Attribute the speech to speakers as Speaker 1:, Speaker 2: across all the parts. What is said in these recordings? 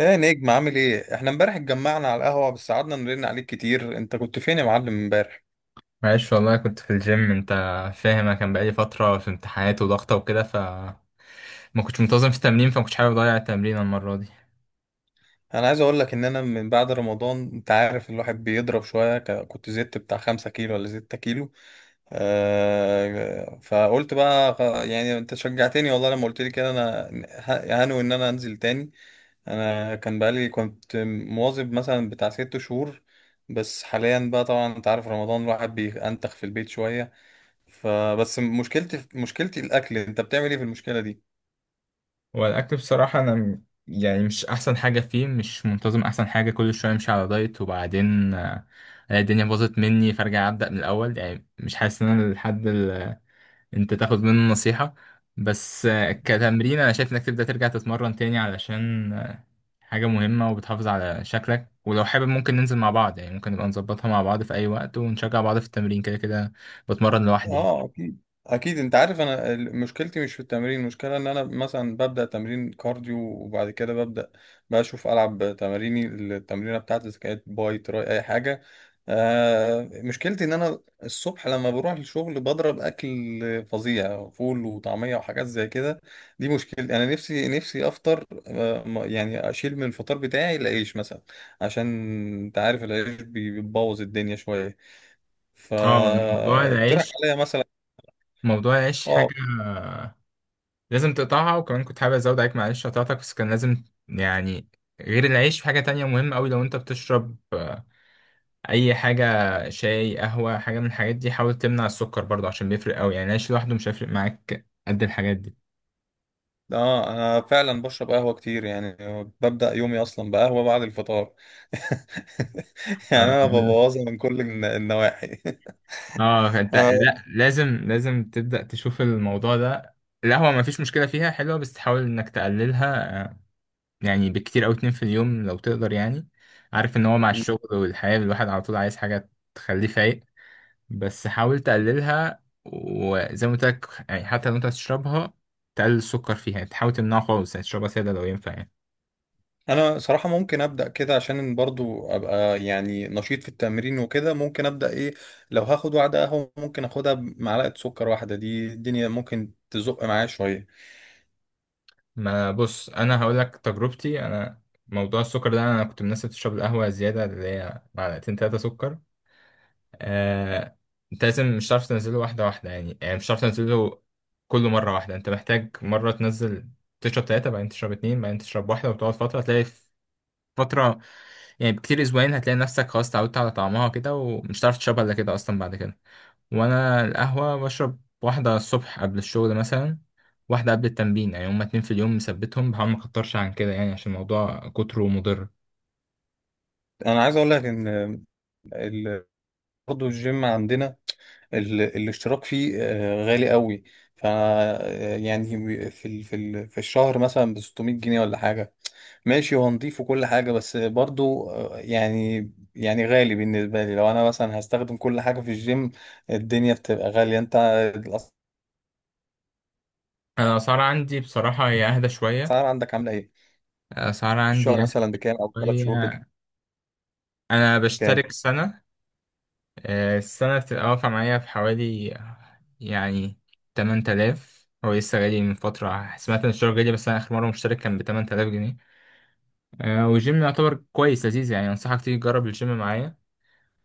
Speaker 1: ايه نجم؟ عامل ايه؟ احنا امبارح اتجمعنا على القهوة، بس قعدنا نرن عليك كتير. انت كنت فين يا معلم امبارح؟
Speaker 2: معلش، والله كنت في الجيم. انت فاهم، انا كان بقالي فترة في امتحانات وضغطة وكده، ما كنتش منتظم في التمرين، فما كنتش حابب اضيع التمرين المرة دي.
Speaker 1: انا عايز اقول لك ان انا من بعد رمضان، انت عارف الواحد بيضرب شوية، كنت زدت بتاع 5 كيلو ولا 6 كيلو. فقلت بقى يعني انت شجعتني والله لما قلت لي كده. انا هنوي ان انا انزل تاني. انا كان بقالي كنت مواظب مثلا بتاع 6 شهور. بس حاليا بقى، طبعا انت عارف، رمضان الواحد بينتخ في البيت شوية. فبس مشكلتي مشكلتي الاكل. انت بتعمل ايه في المشكله دي؟
Speaker 2: والاكل بصراحة، انا يعني مش احسن حاجة فيه، مش منتظم. احسن حاجة كل شوية امشي على دايت وبعدين الاقي الدنيا باظت مني، فارجع ابدأ من الاول. يعني مش حاسس ان انا الحد اللي انت تاخد منه نصيحة. بس كتمرين انا شايف انك تبدأ ترجع تتمرن تاني، علشان حاجة مهمة وبتحافظ على شكلك. ولو حابب ممكن ننزل مع بعض، يعني ممكن نبقى نظبطها مع بعض في أي وقت ونشجع بعض في التمرين. كده كده بتمرن لوحدي يعني.
Speaker 1: اه، اكيد. اكيد انت عارف انا مشكلتي مش في التمرين. المشكله ان انا مثلا ببدا تمرين كارديو وبعد كده ببدا بقى اشوف العب تماريني. التمرينه بتاعتي اذا كانت باي تراي اي حاجه. مشكلتي ان انا الصبح لما بروح الشغل بضرب اكل فظيع، فول وطعميه وحاجات زي كده. دي مشكلتي. انا نفسي نفسي افطر، يعني اشيل من الفطار بتاعي العيش مثلا، عشان انت عارف العيش بيبوظ الدنيا شويه.
Speaker 2: اه،
Speaker 1: فاقترح عليا مثلا.
Speaker 2: موضوع العيش
Speaker 1: اه،
Speaker 2: حاجة لازم تقطعها. وكمان كنت حابب أزود عليك، مع العيش قطعتك بس كان لازم يعني غير العيش في حاجة تانية مهمة أوي. لو أنت بتشرب أي حاجة، شاي، قهوة، حاجة من الحاجات دي، حاول تمنع السكر برضه، عشان بيفرق أوي. يعني العيش لوحده مش هيفرق معاك قد الحاجات
Speaker 1: اه، انا فعلا بشرب قهوه كتير يعني. ببدا يومي اصلا بقهوه بعد الفطار. يعني انا
Speaker 2: دي.
Speaker 1: ببوظها من كل النواحي.
Speaker 2: اه انت،
Speaker 1: آه،
Speaker 2: لا، لازم لازم تبدأ تشوف الموضوع ده. القهوة ما فيش مشكلة فيها، حلوة، بس تحاول انك تقللها. يعني بكتير او اتنين في اليوم لو تقدر يعني. عارف ان هو مع الشغل والحياة، الواحد على طول عايز حاجة تخليه فايق، بس حاول تقللها. وزي ما قلت لك، يعني حتى لو انت هتشربها، تقلل السكر فيها، يعني تحاول تمنعه خالص، يعني تشربها سادة لو ينفع يعني.
Speaker 1: انا صراحه ممكن ابدا كده عشان برضو ابقى يعني نشيط في التمرين وكده. ممكن ابدا ايه؟ لو هاخد واحده قهوه ممكن اخدها بمعلقه سكر واحده، دي الدنيا ممكن تزق معايا شويه.
Speaker 2: ما بص، انا هقول لك تجربتي انا. موضوع السكر ده، انا كنت من الناس اللي بتشرب القهوة زيادة، اللي هي معلقتين تلاتة سكر. آه، انت لازم مش هتعرف تنزله واحدة واحدة، يعني مش هتعرف تنزله كله مرة واحدة. انت محتاج مرة تنزل، تشرب تلاتة، بعدين تشرب اتنين، بعدين تشرب واحدة، وتقعد فترة. هتلاقي في فترة يعني بكتير اسبوعين، هتلاقي نفسك خلاص اتعودت على طعمها كده، ومش هتعرف تشربها الا كده اصلا بعد كده. وانا القهوة بشرب واحدة الصبح قبل الشغل مثلا، واحدة قبل التمرين، يعني هما اتنين في اليوم مثبتهم، بحاول ما اكترش عن كده يعني، عشان الموضوع كتره مضر.
Speaker 1: انا عايز اقول لك ان برضه الجيم عندنا، الاشتراك فيه غالي قوي. ف آه، يعني في الشهر مثلا ب 600 جنيه ولا حاجه. ماشي هو نضيف وكل حاجه، بس برضه يعني غالي بالنسبه لي لو انا مثلا هستخدم كل حاجه في الجيم. الدنيا بتبقى غاليه. انت
Speaker 2: انا الاسعار عندي بصراحة هي اهدى شوية.
Speaker 1: الاسعار عندك عامله ايه؟
Speaker 2: الاسعار عندي
Speaker 1: الشهر
Speaker 2: اهدى
Speaker 1: مثلا بكام او 3 شهور؟
Speaker 2: شوية. انا
Speaker 1: بكام؟
Speaker 2: بشترك سنة. السنة بتبقى واقفة معايا في حوالي يعني 8000. هو لسه غالي. من فترة سمعت ان الشغل غالي، بس انا اخر مرة مشترك كان ب 8000 جنيه. والجيم يعتبر كويس لذيذ يعني. انصحك تيجي تجرب الجيم معايا.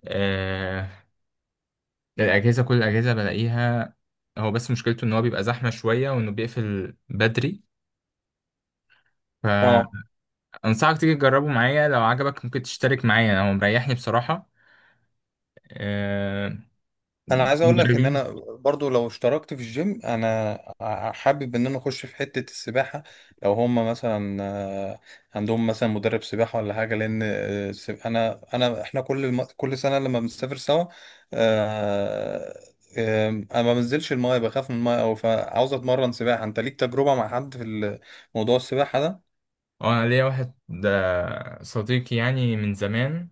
Speaker 2: آه، الاجهزة، كل الاجهزة بلاقيها. هو بس مشكلته ان هو بيبقى زحمة شوية، وانه بيقفل بدري.
Speaker 1: اه.
Speaker 2: فانصحك تيجي تجربه معايا، لو عجبك ممكن تشترك معايا، هو مريحني بصراحة. آه،
Speaker 1: انا عايز اقول لك ان انا
Speaker 2: مدربين.
Speaker 1: برضو لو اشتركت في الجيم، انا حابب ان انا اخش في حتة السباحة. لو هم مثلا عندهم مثلا مدرب سباحة ولا حاجة. لان انا انا احنا كل كل سنة لما بنسافر سوا، آه، انا ما بنزلش المايه، بخاف من المايه، او فعاوز اتمرن سباحة. انت ليك تجربة مع حد في موضوع السباحة ده؟
Speaker 2: اه، انا ليا واحد، ده صديقي يعني من زمان.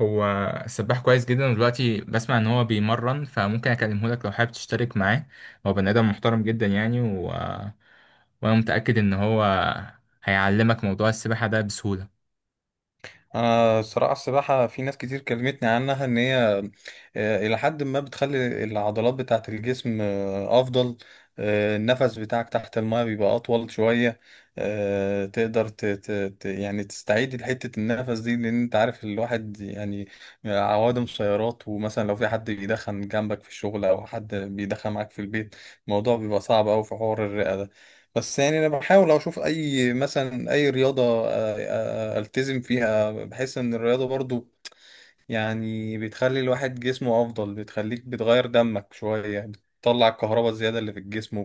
Speaker 2: هو سباح كويس جدا، ودلوقتي بسمع ان هو بيمرن، فممكن اكلمه لك لو حابب تشترك معاه. هو بني ادم محترم جدا يعني وانا متاكد ان هو هيعلمك موضوع السباحه ده بسهوله.
Speaker 1: انا صراحة السباحة، في ناس كتير كلمتني عنها ان هي الى حد ما بتخلي العضلات بتاعة الجسم افضل. النفس بتاعك تحت الماء بيبقى اطول شوية. تقدر يعني تستعيد حتة النفس دي، لان انت عارف الواحد يعني عوادم سيارات، ومثلا لو في حد بيدخن جنبك في الشغل او حد بيدخن معاك في البيت، الموضوع بيبقى صعب اوي في حوار الرئة ده. بس يعني انا بحاول اشوف اي، مثلا اي رياضه التزم فيها، بحس ان الرياضه برضو يعني بتخلي الواحد جسمه افضل، بتخليك بتغير دمك شويه، بتطلع الكهرباء الزياده اللي في الجسم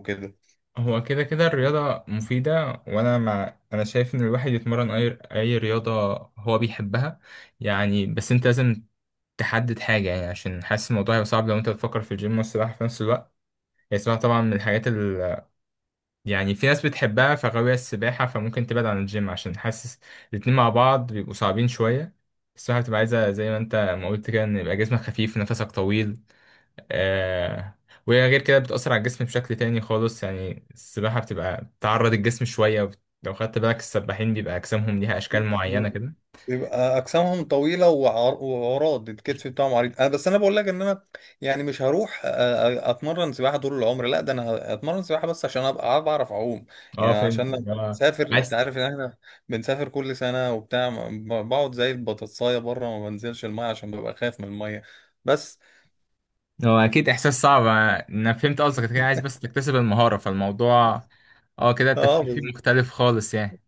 Speaker 2: هو كده كده الرياضه مفيده. وانا مع انا شايف ان الواحد يتمرن اي رياضه هو بيحبها يعني. بس انت لازم تحدد حاجه يعني، عشان حاسس الموضوع هيبقى صعب لو انت بتفكر في الجيم والسباحه في نفس الوقت. هي السباحة طبعا من الحاجات ال... يعني في ناس بتحبها، فغاوية السباحة، فممكن تبعد عن الجيم، عشان حاسس الاتنين مع بعض بيبقوا صعبين شوية. السباحة بتبقى عايزة زي ما انت ما قلت كده، ان يبقى جسمك خفيف، نفسك طويل. آه، وهي غير كده بتأثر على الجسم بشكل تاني خالص، يعني السباحة بتبقى بتعرض الجسم شوية، لو خدت بالك السباحين بيبقى أجسامهم ليها أشكال معينة
Speaker 1: وكده.
Speaker 2: كده.
Speaker 1: بيبقى اجسامهم طويله وعراض، الكتف بتاعهم عريض. انا بس انا بقول لك ان انا يعني مش هروح اتمرن سباحه طول العمر، لا ده انا اتمرن سباحه بس عشان ابقى بعرف اعوم.
Speaker 2: اه،
Speaker 1: يعني عشان
Speaker 2: فهمت
Speaker 1: لما
Speaker 2: اللي هو
Speaker 1: بسافر، انت
Speaker 2: عايز.
Speaker 1: عارف ان احنا بنسافر كل سنه وبتاع، بقعد زي البطاطسايه بره، ما بنزلش الميه عشان ببقى خايف من الميه بس.
Speaker 2: هو اكيد احساس صعب. انا فهمت قصدك انت كده، عايز بس تكتسب المهارة. فالموضوع اه كده
Speaker 1: اه،
Speaker 2: التفكير فيه مختلف خالص يعني.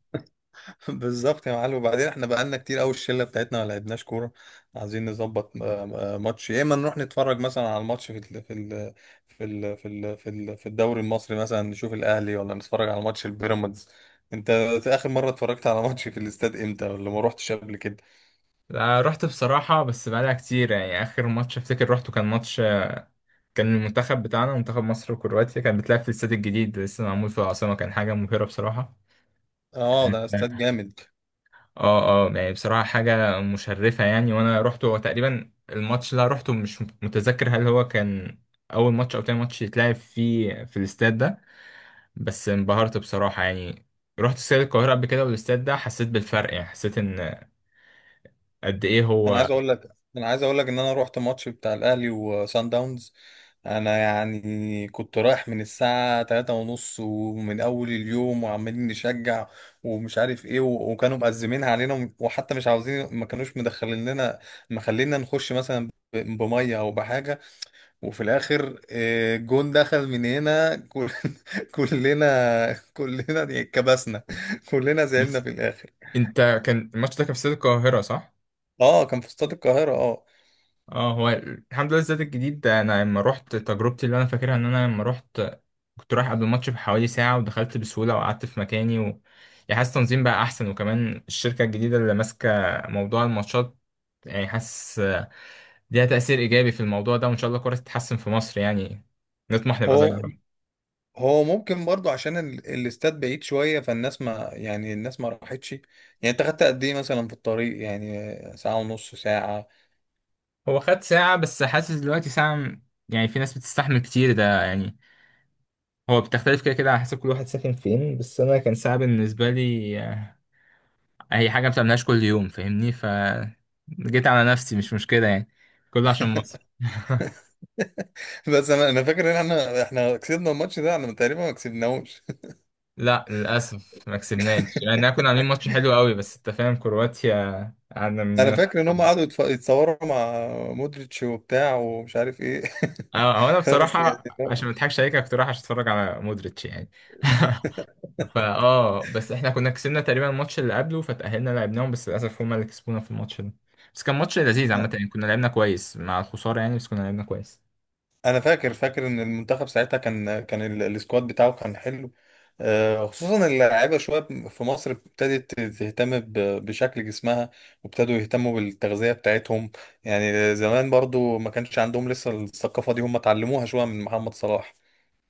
Speaker 1: بالظبط يا معلم. وبعدين احنا بقالنا كتير قوي، الشله بتاعتنا ما لعبناش كوره. عايزين نظبط ماتش، يا اما نروح نتفرج مثلا على الماتش في الدوري المصري، مثلا نشوف الاهلي ولا نتفرج على ماتش البيراميدز. انت اخر مره اتفرجت على ماتش في الاستاد امتى؟ ولا ما روحتش قبل كده؟
Speaker 2: أنا رحت بصراحة، بس بقالها كتير يعني. اخر ماتش افتكر روحته كان ماتش، كان المنتخب بتاعنا منتخب مصر وكرواتيا، كان بتلعب في الاستاد الجديد لسه معمول في العاصمة. كان حاجة مبهرة بصراحة.
Speaker 1: اه، ده استاد جامد.
Speaker 2: اه، اه، يعني بصراحة حاجة مشرفة يعني. وانا رحت، هو تقريبا الماتش اللي أنا روحته مش متذكر هل هو كان اول ماتش او تاني ماتش يتلعب فيه في الاستاد ده، بس انبهرت بصراحة يعني. رحت استاد القاهرة قبل كده، والاستاد ده حسيت بالفرق يعني، حسيت ان قد ايه
Speaker 1: انا
Speaker 2: هو.
Speaker 1: عايز اقول لك انا عايز اقول لك ان انا رحت ماتش بتاع الاهلي وسان داونز. انا يعني كنت رايح من الساعه 3 ونص، ومن اول اليوم وعمالين نشجع ومش عارف ايه. و- وكانوا مأزمين علينا، وحتى مش عاوزين، ما كانوش مدخلين لنا مخلينا نخش مثلا بميه او بحاجه. وفي الاخر، جون دخل من هنا. كلنا كلنا اتكبسنا. كلنا زعلنا
Speaker 2: بس
Speaker 1: في الاخر.
Speaker 2: انت، كان الماتش ده كان في استاد القاهرة صح؟
Speaker 1: اه، كان في استاد القاهره، اه.
Speaker 2: اه، هو الحمد لله الزاد الجديد ده، انا لما رحت تجربتي اللي انا فاكرها ان انا لما رحت كنت رايح قبل الماتش بحوالي ساعة، ودخلت بسهولة وقعدت في مكاني يعني حاسس التنظيم بقى احسن. وكمان الشركة الجديدة اللي ماسكة موضوع الماتشات، يعني حاسس ليها تأثير ايجابي في الموضوع ده، وان شاء الله الكورة تتحسن في مصر يعني، نطمح نبقى زيها.
Speaker 1: هو هو ممكن برضو عشان الاستاد بعيد شوية، فالناس ما يعني، الناس ما راحتش يعني. انت خدت قد ايه مثلا في الطريق؟ يعني ساعة، ونص ساعة؟
Speaker 2: هو خد ساعة، بس حاسس دلوقتي ساعة يعني في ناس بتستحمل كتير ده يعني. هو بتختلف كده كده على حسب كل واحد ساكن فين، بس أنا كان ساعة بالنسبة لي. هي حاجة ما بتعملهاش كل يوم، فاهمني؟ جيت على نفسي، مش مشكلة يعني. كله عشان مصر.
Speaker 1: بس انا فاكر ان احنا كسبنا الماتش ده، احنا تقريبا ما كسبناهوش.
Speaker 2: لا للأسف ما كسبناش يعني. احنا كنا عاملين ماتش حلو قوي، بس أنت فاهم كرواتيا قعدنا
Speaker 1: انا
Speaker 2: مننا.
Speaker 1: فاكر ان هم قعدوا يتصوروا مع مودريتش وبتاع ومش عارف ايه.
Speaker 2: اه، هو أنا
Speaker 1: بس
Speaker 2: بصراحة عشان
Speaker 1: يعني
Speaker 2: ما أضحكش عليك، أنا كنت رايح عشان أتفرج على مودريتش يعني. فا اه، بس احنا كنا كسبنا تقريبا الماتش اللي قبله فتأهلنا لعبناهم، بس للأسف هما اللي كسبونا في الماتش ده. بس كان ماتش لذيذ عامة يعني، كنا لعبنا كويس مع الخسارة يعني، بس كنا لعبنا كويس.
Speaker 1: انا فاكر فاكر ان المنتخب ساعتها كان السكواد بتاعه كان حلو. خصوصا اللعيبه شويه في مصر ابتدت تهتم بشكل جسمها، وابتدوا يهتموا بالتغذيه بتاعتهم. يعني زمان برضو ما كانش عندهم لسه الثقافه دي، هم اتعلموها شويه من محمد صلاح.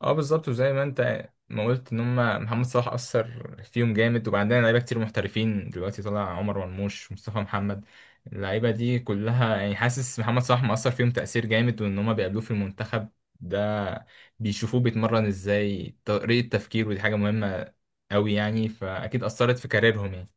Speaker 2: اه، بالظبط. وزي ما انت ما قلت ان هم، محمد صلاح اثر فيهم جامد. وبعدين لعيبه كتير محترفين دلوقتي، طلع عمر مرموش، مصطفى محمد، اللعيبه دي كلها، يعني حاسس محمد صلاح مأثر فيهم تأثير جامد، وان هم بيقابلوه في المنتخب ده بيشوفوه بيتمرن ازاي، طريقه التفكير، ودي حاجه مهمه قوي يعني، فاكيد أثرت في كاريرهم يعني.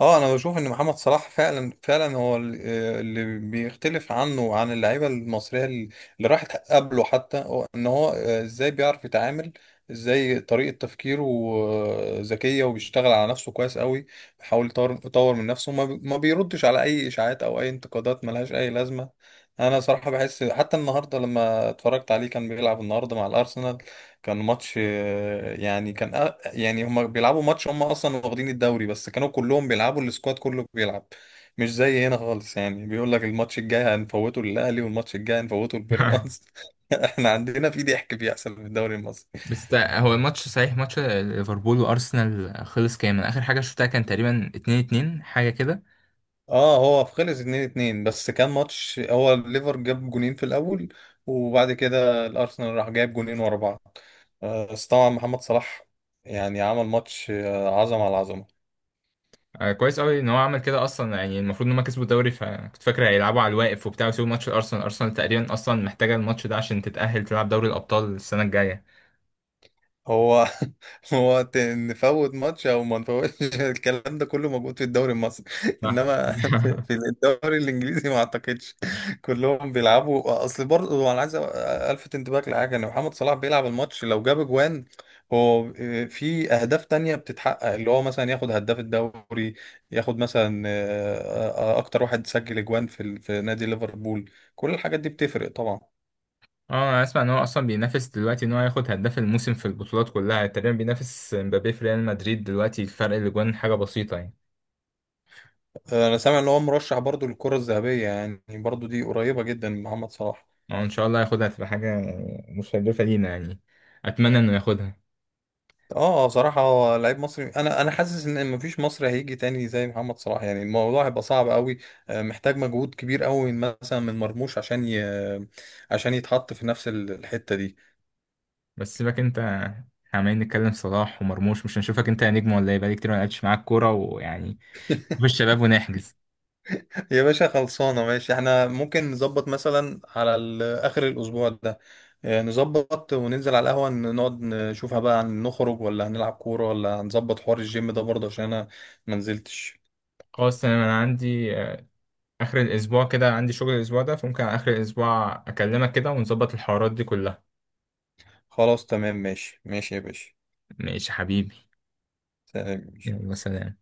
Speaker 1: اه، انا بشوف ان محمد صلاح فعلا فعلا هو اللي بيختلف عنه وعن اللعيبه المصريه، اللي راحت قبله حتى هو، ان هو ازاي بيعرف يتعامل، ازاي طريقه تفكيره ذكيه وبيشتغل على نفسه كويس قوي. بيحاول يطور يطور من نفسه، ما بيردش على اي اشاعات او اي انتقادات ملهاش اي لازمه. انا صراحه بحس حتى النهارده لما اتفرجت عليه كان بيلعب النهارده مع الارسنال. كان ماتش يعني كان يعني هما بيلعبوا ماتش، هما اصلا واخدين الدوري، بس كانوا كلهم بيلعبوا، السكواد كله بيلعب، مش زي هنا خالص. يعني بيقول لك الماتش الجاي هنفوته للاهلي، والماتش الجاي هنفوته لبيراميدز. احنا عندنا في ضحك بيحصل في الدوري المصري.
Speaker 2: بس هو الماتش صحيح، ماتش ليفربول وارسنال خلص كام؟ انا اخر حاجه شفتها كان تقريبا 2-2 حاجه كده.
Speaker 1: اه، هو خلص 2-2. بس كان ماتش، هو الليفر جاب جونين في الاول وبعد كده الارسنال راح جايب جونين ورا بعض. بس طبعا محمد صلاح يعني عمل ماتش عظمه على عظمه.
Speaker 2: آه، كويس قوي ان هو عمل كده اصلا يعني. المفروض ان هم كسبوا الدوري، فكنت فاكر هيلعبوا على الواقف وبتاع، ويسيبوا ماتش الارسنال. ارسنال تقريبا اصلا محتاجه الماتش ده عشان تتاهل تلعب دوري الابطال السنه الجايه.
Speaker 1: هو هو نفوت ماتش او ما نفوتش. الكلام ده كله موجود في الدوري المصري.
Speaker 2: صح.
Speaker 1: انما في الدوري الانجليزي ما اعتقدش. كلهم بيلعبوا اصل برضه هو. انا عايز الفت انتباهك لحاجه، ان محمد صلاح بيلعب الماتش لو جاب اجوان، هو في اهداف تانية بتتحقق، اللي هو مثلا ياخد هداف الدوري، ياخد مثلا اكتر واحد سجل اجوان في نادي ليفربول. كل الحاجات دي بتفرق طبعا.
Speaker 2: اه، انا اسمع ان هو اصلا بينافس دلوقتي ان هو ياخد هداف الموسم في البطولات كلها تقريبا، بينافس مبابي في ريال مدريد دلوقتي، فرق الاجوان حاجه بسيطه يعني.
Speaker 1: انا سامع ان هو مرشح برضو للكرة الذهبية، يعني برضو دي قريبة جدا من محمد صلاح.
Speaker 2: اه، ان شاء الله ياخدها، تبقى حاجه يعني مشرفه لينا يعني. اتمنى انه ياخدها.
Speaker 1: اه. صراحة هو لعيب مصري، انا حاسس ان مفيش مصري هيجي تاني زي محمد صلاح، يعني الموضوع هيبقى صعب قوي. محتاج مجهود كبير قوي مثلا من مرموش عشان عشان يتحط في نفس الحتة دي.
Speaker 2: بس سيبك انت، إحنا عمالين نتكلم صلاح ومرموش، مش هنشوفك انت يا نجم ولا ايه؟ بقالي كتير ما لعبتش معاك كوره، ويعني نخش شباب ونحجز.
Speaker 1: يا باشا خلصانة. ماشي، احنا ممكن نظبط مثلا على اخر الاسبوع ده. نظبط وننزل على القهوة، نقعد نشوفها بقى. نخرج ولا هنلعب كورة، ولا هنظبط حوار الجيم ده برضه، عشان انا ما نزلتش.
Speaker 2: خلاص تمام. انا عندي اخر الاسبوع كده عندي شغل الاسبوع ده، فممكن على اخر الاسبوع اكلمك كده ونظبط الحوارات دي كلها.
Speaker 1: خلاص تمام، ماشي ماشي يا باشا.
Speaker 2: ماشي يا حبيبي.
Speaker 1: تمام، ماشي.
Speaker 2: يلا، سلام.